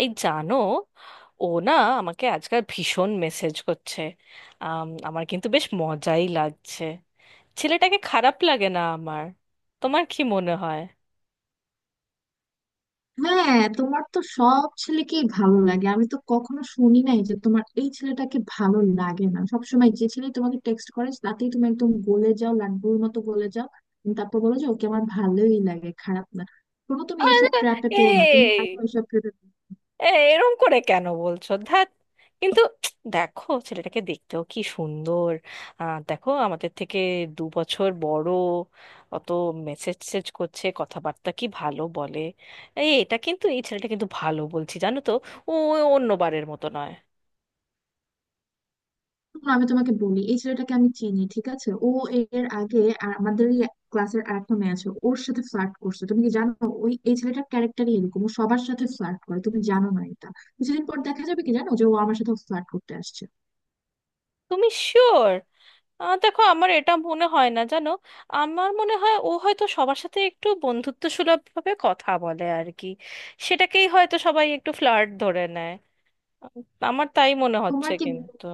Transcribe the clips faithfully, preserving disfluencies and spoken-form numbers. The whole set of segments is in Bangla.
এই জানো, ও না আমাকে আজকাল ভীষণ মেসেজ করছে। আম, আমার কিন্তু বেশ মজাই লাগছে। ছেলেটাকে খারাপ লাগে না আমার। তোমার কি মনে হয়? হ্যাঁ, তোমার তো সব ছেলেকেই ভালো লাগে। আমি তো কখনো শুনি নাই যে তোমার এই ছেলেটাকে ভালো লাগে না। সবসময় যে ছেলে তোমাকে টেক্সট করে তাতেই তুমি একদম গলে যাও, লাড্ডুর মতো গলে যাও। উম, তারপর বলো যে ওকে আমার ভালোই লাগে, খারাপ না। কোনো তুমি এইসব আরে, ট্র্যাপে পড়ো না, তুমি এই আগে এইসব ট্র্যাপে। এই, এরম করে কেন বলছো? ধ্যাত। কিন্তু দেখো ছেলেটাকে দেখতেও কি সুন্দর! আহ, দেখো আমাদের থেকে দু বছর বড়। অত মেসেজ সেজ করছে, কথাবার্তা কি ভালো বলে! এই এটা কিন্তু এই ছেলেটা কিন্তু ভালো, বলছি জানো তো, ও অন্যবারের মতো নয়। শোনো, আমি তোমাকে বলি, এই ছেলেটাকে আমি চিনি, ঠিক আছে? ও এর আগে আর আমাদের ইয়ে ক্লাসের আরেকটা মেয়ে আছে, ওর সাথে ফ্লার্ট করছে। তুমি কি জানো? ওই এই ছেলেটার ক্যারেক্টারই এরকম, ও সবার সাথে ফ্লার্ট করে। তুমি জানো না এটা। কিছুদিন পর দেখা যাবে, কি জানো, যে ও আমার সাথে ফ্লার্ট করতে আসছে। তুমি শিওর? দেখো আমার এটা মনে হয় না জানো। আমার মনে হয় ও হয়তো সবার সাথে একটু বন্ধুত্ব সুলভ ভাবে কথা বলে আর কি। সেটাকেই হয়তো সবাই একটু ফ্লার্ট ধরে নেয়। উম, আমার তাই মনে হচ্ছে, তোমার কি, কিন্তু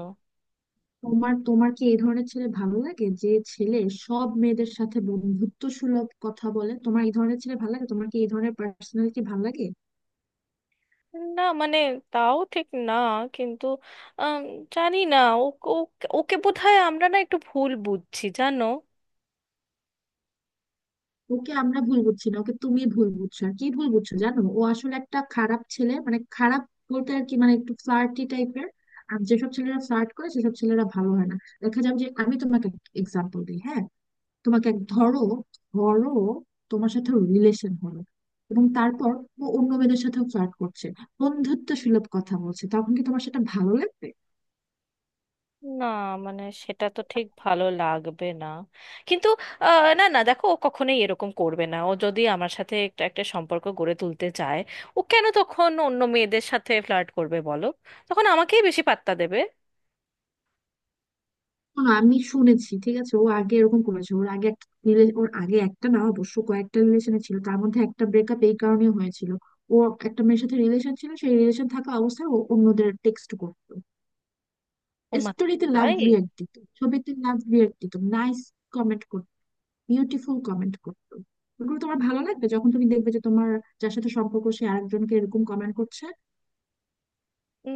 তোমার তোমার কি এই ধরনের ছেলে ভালো লাগে? যে ছেলে সব মেয়েদের সাথে বন্ধুত্ব সুলভ কথা বলে, তোমার এই ধরনের ছেলে ভালো লাগে? তোমার কি এই ধরনের পার্সোনালিটি ভালো লাগে? না মানে তাও ঠিক না, কিন্তু আম, জানি না। ও ও- ওকে বোধহয় আমরা না একটু ভুল বুঝছি জানো। ওকে আমরা ভুল বুঝছি না, ওকে তুমি ভুল বুঝছো আর কি। ভুল বুঝছো জানো, ও আসলে একটা খারাপ ছেলে। মানে খারাপ বলতে আর কি, মানে একটু ফ্লার্টি টাইপের। আর যেসব ছেলেরা ফ্লার্ট করে, সেসব ছেলেরা ভালো হয় না। দেখা যাবে যে, আমি তোমাকে এক্সাম্পল দিই, হ্যাঁ। তোমাকে এক- ধরো, ধরো তোমার সাথে রিলেশন হলো, এবং তারপর ও অন্য মেয়েদের সাথেও ফ্লার্ট করছে, বন্ধুত্ব সুলভ কথা বলছে। তখন কি তোমার সেটা ভালো লাগবে? না মানে সেটা তো ঠিক ভালো লাগবে না, কিন্তু আহ, না না দেখো ও কখনোই এরকম করবে না। ও যদি আমার সাথে একটা একটা সম্পর্ক গড়ে তুলতে চায়, ও কেন তখন অন্য মেয়েদের সাথে ফ্লার্ট করবে বলো? তখন আমাকেই বেশি পাত্তা দেবে। শোনো, আমি শুনেছি, ঠিক আছে? ও আগে এরকম করেছে। ওর আগে একটা রিলে- ওর আগে একটা না, অবশ্য কয়েকটা রিলেশনে ছিল। তার মধ্যে একটা ব্রেকআপ এই কারণে হয়েছিল। ও একটা মেয়ের সাথে রিলেশন ছিল, সেই রিলেশন থাকা অবস্থায় ও অন্যদের টেক্সট করতো। ওমা, স্টোরিতে লাভ তাই? রিয়াক্ট দিত, ছবিতে লাভ রিয়াক্ট দিত, নাইস কমেন্ট করতো, বিউটিফুল কমেন্ট করতো। ওগুলো তোমার ভালো লাগবে যখন তুমি দেখবে যে তোমার যার সাথে সম্পর্ক, সে আরেকজনকে এরকম কমেন্ট করছে?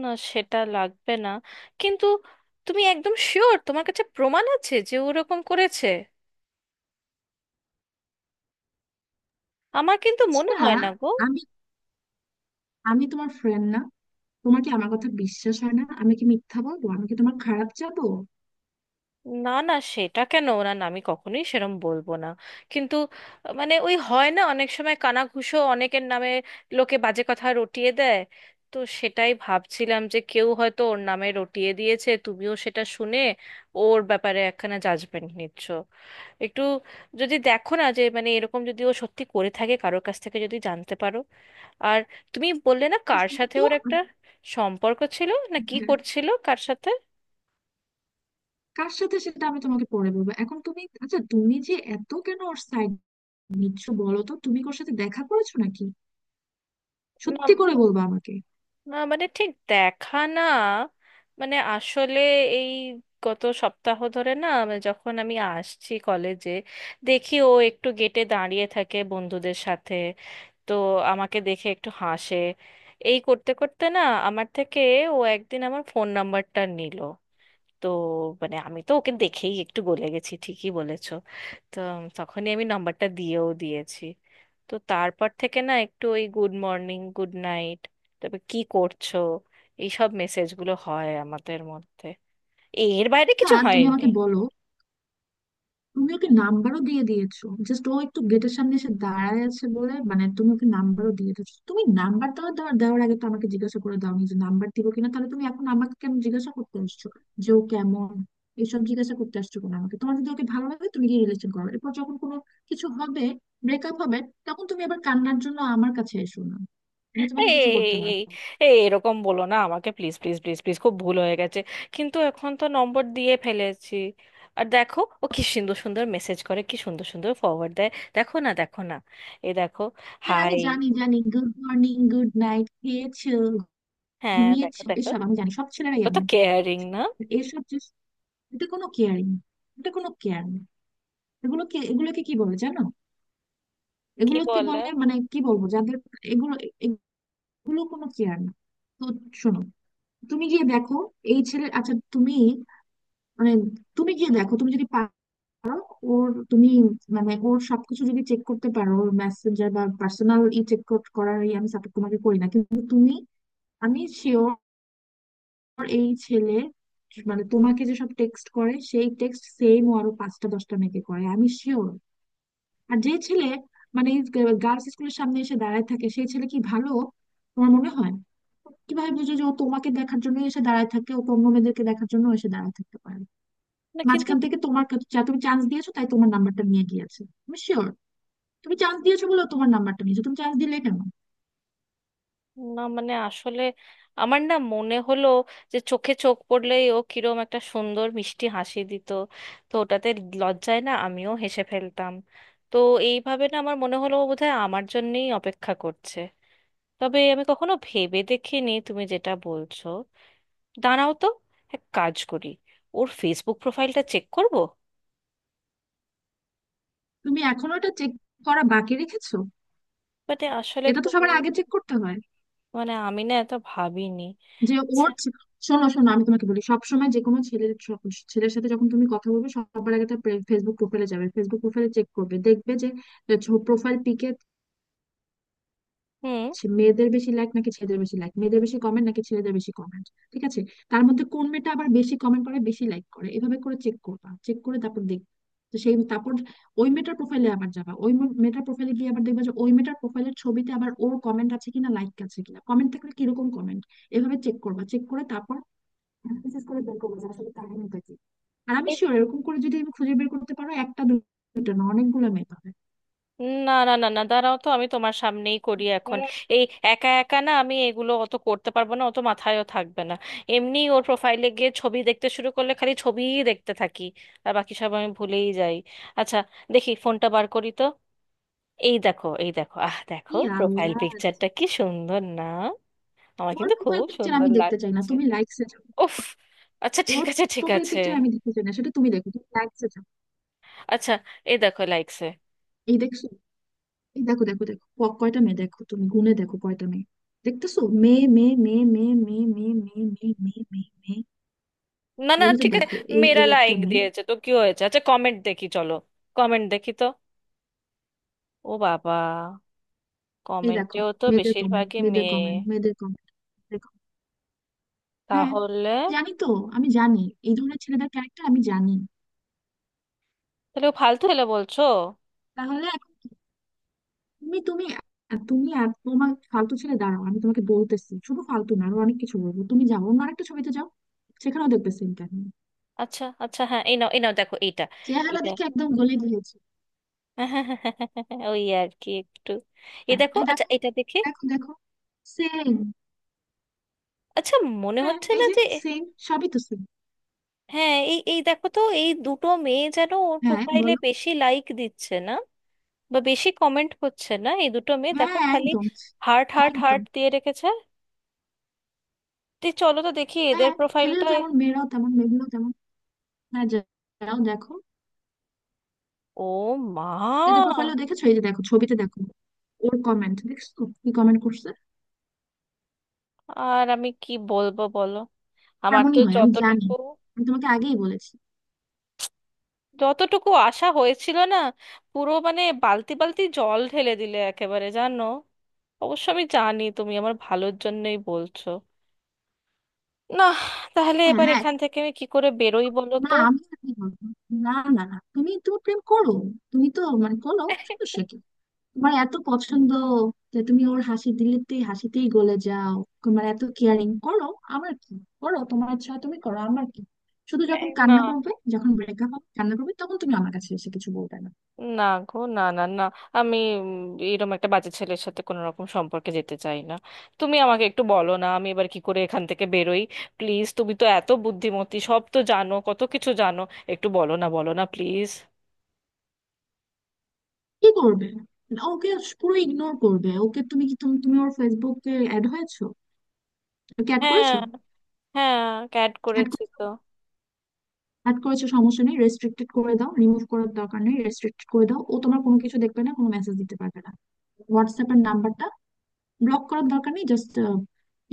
না, সেটা লাগবে না, কিন্তু তুমি একদম শিওর তোমার কাছে প্রমাণ আছে যে ওরকম করেছে? আমার কিন্তু মনে আচ্ছা, হয় না গো। আমি, আমি তোমার ফ্রেন্ড না? তোমার কি আমার কথা বিশ্বাস হয় না? আমি কি মিথ্যা বলবো? আমি কি তোমার খারাপ যাবো? না না সেটা কেন, না না, আমি কখনোই সেরম বলবো না, কিন্তু আহ, মানে ওই হয় না অনেক সময় কানাঘুষো অনেকের নামে লোকে বাজে কথা রটিয়ে দেয়। তো সেটাই ভাবছিলাম যে কেউ হয়তো ওর নামে রটিয়ে দিয়েছে, তুমিও সেটা শুনে ওর ব্যাপারে একখানা জাজমেন্ট নিচ্ছ একটু। যদি দেখো না যে মানে এরকম যদি ও সত্যি করে থাকে, কারোর কাছ থেকে যদি জানতে পারো। আর তুমি বললে না আচ্ছা কার শোনো সাথে তো। ওর একটা সম্পর্ক ছিল, না কি হ্যাঁ, করছিল কার সাথে? কার সাথে সেটা আমি তোমাকে পরে বলবো। এখন তুমি, আচ্ছা তুমি যে এত কেন ওর সাইড নিচ্ছ বলো তো? তুমি কি ওর সাথে দেখা করেছো নাকি? না, সত্যি করে বলবা আমাকে। না মানে ঠিক দেখা না, মানে আসলে এই গত সপ্তাহ ধরে না মানে যখন আমি আসছি কলেজে, দেখি ও একটু গেটে দাঁড়িয়ে থাকে বন্ধুদের সাথে। তো আমাকে দেখে একটু হাসে। এই করতে করতে না আমার থেকে ও একদিন আমার ফোন নাম্বারটা নিল। তো মানে আমি তো ওকে দেখেই একটু গলে গেছি, ঠিকই বলেছো। তো উম, তখনই আমি নাম্বারটা দিয়েও দিয়েছি। তো তারপর থেকে না একটু ওই গুড মর্নিং, গুড নাইট, তারপর কি করছো, এইসব মেসেজগুলো হয় আমাদের মধ্যে। এর বাইরে না, কিছু তুমি হয়নি। আমাকে বলো, তুমি ওকে নাম্বারও দিয়ে দিয়েছো? জাস্ট ও একটু গেটের সামনে এসে দাঁড়ায় আছে বলে মানে তুমি ওকে নাম্বারও দিয়ে দিয়েছো? তুমি নাম্বার দেওয়ার দেওয়ার দেওয়ার আগে তো আমাকে জিজ্ঞাসা করে দাওনি যে নাম্বার দিব কিনা। তাহলে তুমি এখন আমাকে কেন জিজ্ঞাসা করতে আসছো যে ও কেমন? এসব জিজ্ঞাসা করতে আসছো কেন আমাকে? তোমার যদি ওকে ভালো লাগে, তুমি গিয়ে রিলেশন করো। এরপর যখন কোনো কিছু হবে, ব্রেকআপ হবে, তখন তুমি আবার কান্নার জন্য আমার কাছে এসো না। আমি তোমাকে কিছু করতে এই পারবো না। এই এরকম বলো না আমাকে, প্লিজ প্লিজ প্লিজ প্লিজ, খুব ভুল হয়ে গেছে। কিন্তু এখন তো নম্বর দিয়ে ফেলেছি। আর দেখো ও কি সুন্দর সুন্দর মেসেজ করে, কি সুন্দর সুন্দর ফরওয়ার্ড দেয়। দেখো না, দেখো না, এ দেখো। হ্যাঁ আমি হাই। জানি, জানি, গুড মর্নিং, গুড নাইট, খেয়েছো, হ্যাঁ দেখো ঘুমিয়েছো, দেখো। এসব আমি জানি। সব ছেলেরাই ও তো এমন, ঠিক কেয়ারিং আছে? না? এসব যে, এটা কোনো কেয়ারিং, এটা কোনো কেয়ার না। এগুলোকে এগুলোকে কি বলে জানো? কি এগুলোকে বলে? বলে, মানে কি বলবো যাদের, এগুলো, এগুলো কোনো কেয়ার না। তো শোনো, তুমি গিয়ে দেখো এই ছেলে, আচ্ছা তুমি মানে তুমি গিয়ে দেখো, তুমি যদি পারো ওর, তুমি মানে ওর সবকিছু যদি চেক করতে পারো, ওর মেসেঞ্জার বা পার্সোনাল ই চেক করার এই আমি সাপোর্ট তোমাকে করি না, কিন্তু তুমি, আমি শিওর এই ছেলে মানে তোমাকে যেসব টেক্সট করে সেই টেক্সট সেম ও আরো পাঁচটা দশটা মেয়েকে করে, আমি শিওর। আর যে ছেলে মানে গার্লস স্কুলের সামনে এসে দাঁড়ায় থাকে, সেই ছেলে কি ভালো তোমার মনে হয়? কিভাবে বুঝো যে ও তোমাকে দেখার জন্য এসে দাঁড়ায় থাকে? ও অন্য মেয়েদেরকে দেখার জন্য এসে দাঁড়ায় থাকতে পারে। না, কিন্তু মাঝখান থেকে তোমার কাছে যা তুমি চান্স দিয়েছো, তাই তোমার নাম্বারটা নিয়ে গিয়েছে। তুমি শিওর তুমি চান্স দিয়েছো বলে ও তোমার নাম্বারটা নিয়েছো। তুমি চান্স দিলে কেন? না মানে আসলে আমার না মনে হলো যে চোখে চোখ পড়লেই ও কিরম একটা সুন্দর মিষ্টি হাসি দিত। তো ওটাতে লজ্জায় না আমিও হেসে ফেলতাম। তো এইভাবে না আমার মনে হলো ও বোধহয় আমার জন্যেই অপেক্ষা করছে। তবে আমি কখনো ভেবে দেখিনি তুমি যেটা বলছো। দাঁড়াও তো, এক কাজ করি, ওর ফেসবুক প্রোফাইলটা চেক করব। তুমি এখনো এটা চেক করা বাকি রেখেছো? মানে আসলে এটা তো তুমি, সবার আগে চেক করতে হয়। মানে আমি না এত ভাবিনি। যে আচ্ছা। ওর ছে- শোনো, শোনো আমি তোমাকে বলি, সবসময় যে কোনো ছেলের স- ছেলের সাথে যখন তুমি কথা বলবে, সবার আগে তার ফেসবুক প্রোফাইলে যাবে, ফেসবুক প্রোফাইলে চেক করবে, দেখবে যে প্রোফাইল পিকে হুম। মেয়েদের বেশি লাইক নাকি ছেলেদের বেশি লাইক, মেয়েদের বেশি কমেন্ট নাকি ছেলেদের বেশি কমেন্ট, ঠিক আছে? তার মধ্যে কোন মেয়েটা আবার বেশি কমেন্ট করে, বেশি লাইক করে, এভাবে করে চেক করবা। চেক করে তারপর দেখবে, তো সেই তারপর ওই মেয়েটার প্রোফাইলে আবার যাবা, ওই মে- মেয়েটার প্রোফাইলে গিয়ে আবার দেখবা যে ওই মেয়েটার প্রোফাইলের ছবিতে আবার ওর কমেন্ট আছে কিনা, লাইক আছে কিনা, কমেন্ট থাকলে কিরকম কমেন্ট, এভাবে চেক করবা। চেক করে তারপর অ্যানালিসিস করে বের করবো যে আসলে কাহিনীটা কি। আর আমি এই- শিওর, এরকম করে যদি আমি খুঁজে বের করতে পারো, একটা দুটো না, অনেকগুলো মেয়ে পাবে। না না না না দাঁড়াও তো, আমি তোমার সামনেই করি এখন। হ্যাঁ, এই, একা একা না আমি এগুলো অত করতে পারবো না, অত মাথায়ও থাকবে না। এমনি ওর প্রোফাইলে গিয়ে ছবি দেখতে শুরু করলে খালি ছবিই দেখতে থাকি, আর বাকি সব আমি ভুলেই যাই। আচ্ছা, দেখি ফোনটা বার করি তো। এই দেখো, এই দেখো, আহ দেখো ই প্রোফাইল আল্লাহ! পিকচারটা কি সুন্দর না? আমার ওর কিন্তু খুব প্রোফাইল পিকচার আমি সুন্দর দেখতে চাই না, লাগছে। তুমি লাইকসে যাও। উফ। আচ্ছা ঠিক ওর আছে, ঠিক প্রোফাইল আছে। পিকচার আমি দেখতে চাই না, সেটা তুমি দেখো, তুমি লাইকসে যাও। আচ্ছা, এই দেখো লাইকস। এই দেখছো? এই দেখো, দেখো, দেখো, ক- কয়টা মেয়ে দেখো, তুমি গুনে দেখো কয়টা মেয়ে। দেখতেছো, মেয়ে, মেয়ে, মেয়ে, মেয়ে, মেয়ে, মেয়ে, মেয়ে, মেয়ে, মেয়ে, মেয়ে, মেয়ে। না না ওর ভিতর ঠিক আছে, দেখো, এই মেয়েরা এই একটা লাইক মেয়ে। দিয়েছে তো কি হয়েছে? আচ্ছা কমেন্ট দেখি, চলো কমেন্ট দেখি তো। ও বাবা, এই দেখো, কমেন্টেও তো মেয়েদের কমেন্ট, বেশিরভাগই মেয়েদের মেয়ে। কমেন্ট, মেয়েদের কমেন্ট। হ্যাঁ, তাহলে? জানি তো, আমি জানি, এই ধরনের ছেলেদের ক্যারেক্টার আমি জানি। তাহলে ও ফালতু হলে বলছো? তাহলে এখন কি? তুমি, তুমি, তুমি আর তোমার ফালতু ছেলে। দাঁড়াও, আমি তোমাকে বলতেছি, শুধু ফালতু না, আরো অনেক কিছু বলবো। তুমি যাও অন্য আরেকটা ছবিতে যাও, সেখানেও দেখবে সেম কাহিনী। আচ্ছা আচ্ছা, হ্যাঁ এই নাও, এই নাও, দেখো এইটা, চেহারা এটা। দেখে একদম গলে দিয়েছে। ওই আর কি একটু। এই হ্যাঁ দেখো, এই আচ্ছা দেখো, এটা দেখে। দেখো দেখো, সেম। আচ্ছা মনে হ্যাঁ হচ্ছে এই না যে, যে। সেম, সবই তো সেম। হ্যাঁ এই এই দেখো তো, এই দুটো মেয়ে যেন ওর হ্যাঁ প্রোফাইলে বলো। বেশি লাইক দিচ্ছে না বা বেশি কমেন্ট করছে না, এই দুটো মেয়ে হ্যাঁ, দেখো খালি একদম। হার্ট হার্ট একদম। হার্ট দিয়ে রেখেছে। তুই চলো তো দেখি এদের হ্যাঁ, ছেলেরা প্রোফাইলটা। যেমন, মেয়েরাও তেমন, মেয়েগুলো তেমন। হ্যাঁ, যা- যাও দেখো। ও মা। ডেটা প্রোফাইলও দেখেছো? এই যে দেখো, ছবিতে দেখো, ওর কমেন্ট দেখছো, কি কমেন্ট করছে। আর আমি কি বলবো বলো, আমার তো তেমনই হয়, আমি জানি, যতটুকু, আমি তোমাকে আগেই বলেছি। যতটুকু আশা হয়েছিল না, পুরো মানে বালতি বালতি জল ঢেলে দিলে একেবারে জানো। অবশ্য আমি জানি তুমি আমার ভালোর জন্যই বলছো। না। তাহলে হ্যাঁ এবার হ্যাঁ, এখান থেকে আমি কি করে বেরোই বলো না তো? আমি কি বলবো? না না না, তুমি তুমি প্রেম করো, তুমি তো মানে করো, সমস্যা কি? তোমার এত পছন্দ যে তুমি ওর হাসি দিলেতেই, হাসিতেই গলে যাও। তোমার এত কেয়ারিং করো, আমার কি? করো, তোমার ইচ্ছা হয় তুমি করো, আমার কি? শুধু যখন এই না, কান্না করবে, যখন ব্রেকআপ হবে, কান্না করবে, তখন তুমি আমার কাছে এসে কিছু বলবে না। না গো, না না না, আমি এরকম একটা বাজে ছেলের সাথে কোনো রকম সম্পর্কে যেতে চাই না। তুমি আমাকে একটু বলো না আমি এবার কি করে এখান থেকে বেরোই, প্লিজ। তুমি তো এত বুদ্ধিমতী, সব তো জানো, কত কিছু জানো। একটু বলো না, বলো না প্লিজ। কি করবে? ওকে পুরো ইগনোর করবে। ওকে তুমি কি, তুমি তুমি ওর ফেসবুকে অ্যাড হয়েছো? ওকে অ্যাড হ্যাঁ করেছো? হ্যাঁ, ক্যাট অ্যাড করেছি করেছো? তো। অ্যাড করেছো সমস্যা নেই, রেস্ট্রিক্টেড করে দাও। রিমুভ করার দরকার নেই, রেস্ট্রিক্টেড করে দাও। ও তোমার কোনো কিছু দেখবে না, কোনো মেসেজ দিতে পারবে না। হোয়াটসঅ্যাপের নাম্বারটা ব্লক করার দরকার নেই, জাস্ট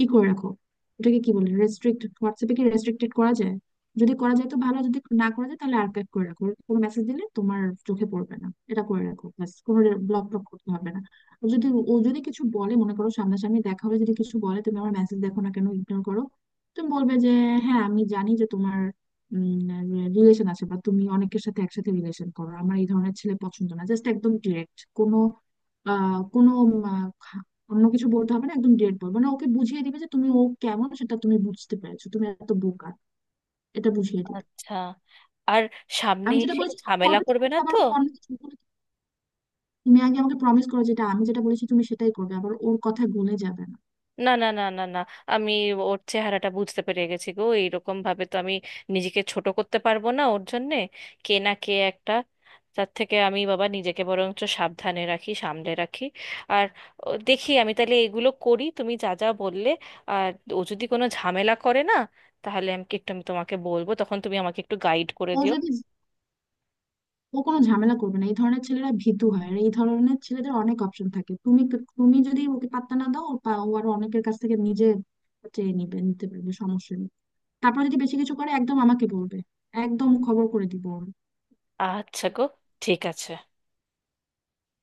ই করে রাখো। ওটাকে কি বলে, রেস্ট্রিক্ট। হোয়াটসঅ্যাপে কি রেস্ট্রিক্টেড করা যায়? যদি করা যায় তো ভালো। যদি না করা যায় তাহলে আর্কাইভ করে রাখো, কোনো মেসেজ দিলে তোমার চোখে পড়বে না, এটা করে রাখো, ব্যাস। কোনো ব্লক টক করতে হবে না। আর যদি ও যদি কিছু বলে, মনে করো সামনাসামনি দেখা হলে যদি কিছু বলে, তুমি আমার মেসেজ দেখো না কেন, ইগনোর করো। তুমি বলবে যে হ্যাঁ, আমি জানি যে তোমার রিলেশন আছে, বা তুমি অনেকের সাথে একসাথে রিলেশন করো, আমার এই ধরনের ছেলে পছন্দ না। জাস্ট একদম ডিরেক্ট, কোনো আহ কোনো অন্য কিছু বলতে হবে না, একদম ডিরেক্ট বলবো। মানে ওকে বুঝিয়ে দিবে যে তুমি ও কেমন সেটা তুমি বুঝতে পেরেছো, তুমি এত বোকা, এটা বুঝিয়ে দিবে। আচ্ছা। আর সামনে আমি যেটা এসে বলেছি সেটা ঝামেলা করবে তো, করবে নাকি না আবার তো? ও অন্য কিছু বলবে? তুমি আগে আমাকে প্রমিস করো, যেটা আমি যেটা বলেছি তুমি সেটাই করবে, আবার ওর কথায় গলে যাবে না। না না না না না, আমি ওর চেহারাটা বুঝতে পেরে গেছি গো। এইরকম ভাবে তো আমি নিজেকে ছোট করতে পারবো না ওর জন্যে। কে না কে একটা। তার থেকে আমি বাবা নিজেকে বরঞ্চ সাবধানে রাখি, সামলে রাখি। আর ও, দেখি আমি তাহলে এগুলো করি তুমি যা যা বললে। আর ও যদি কোনো ঝামেলা করে না, তাহলে আমি একটু আমি তোমাকে বলবো, তখন তুমি আমাকে একটু গাইড করে ও দিও। যদি ও কোনো ঝামেলা করবে না, এই ধরনের ছেলেরা ভীতু হয়। আর এই ধরনের ছেলেদের অনেক অপশন থাকে। তুমি, তুমি যদি ওকে পাত্তা না দাও, ও পা- ও আরো অনেকের কাছ থেকে নিজে চেয়ে নিবে, নিতে পারবে, সমস্যা নেই। তারপর যদি বেশি কিছু করে, একদম আমাকে বলবে, একদম খবর করে দিব। আচ্ছা গো, ঠিক আছে।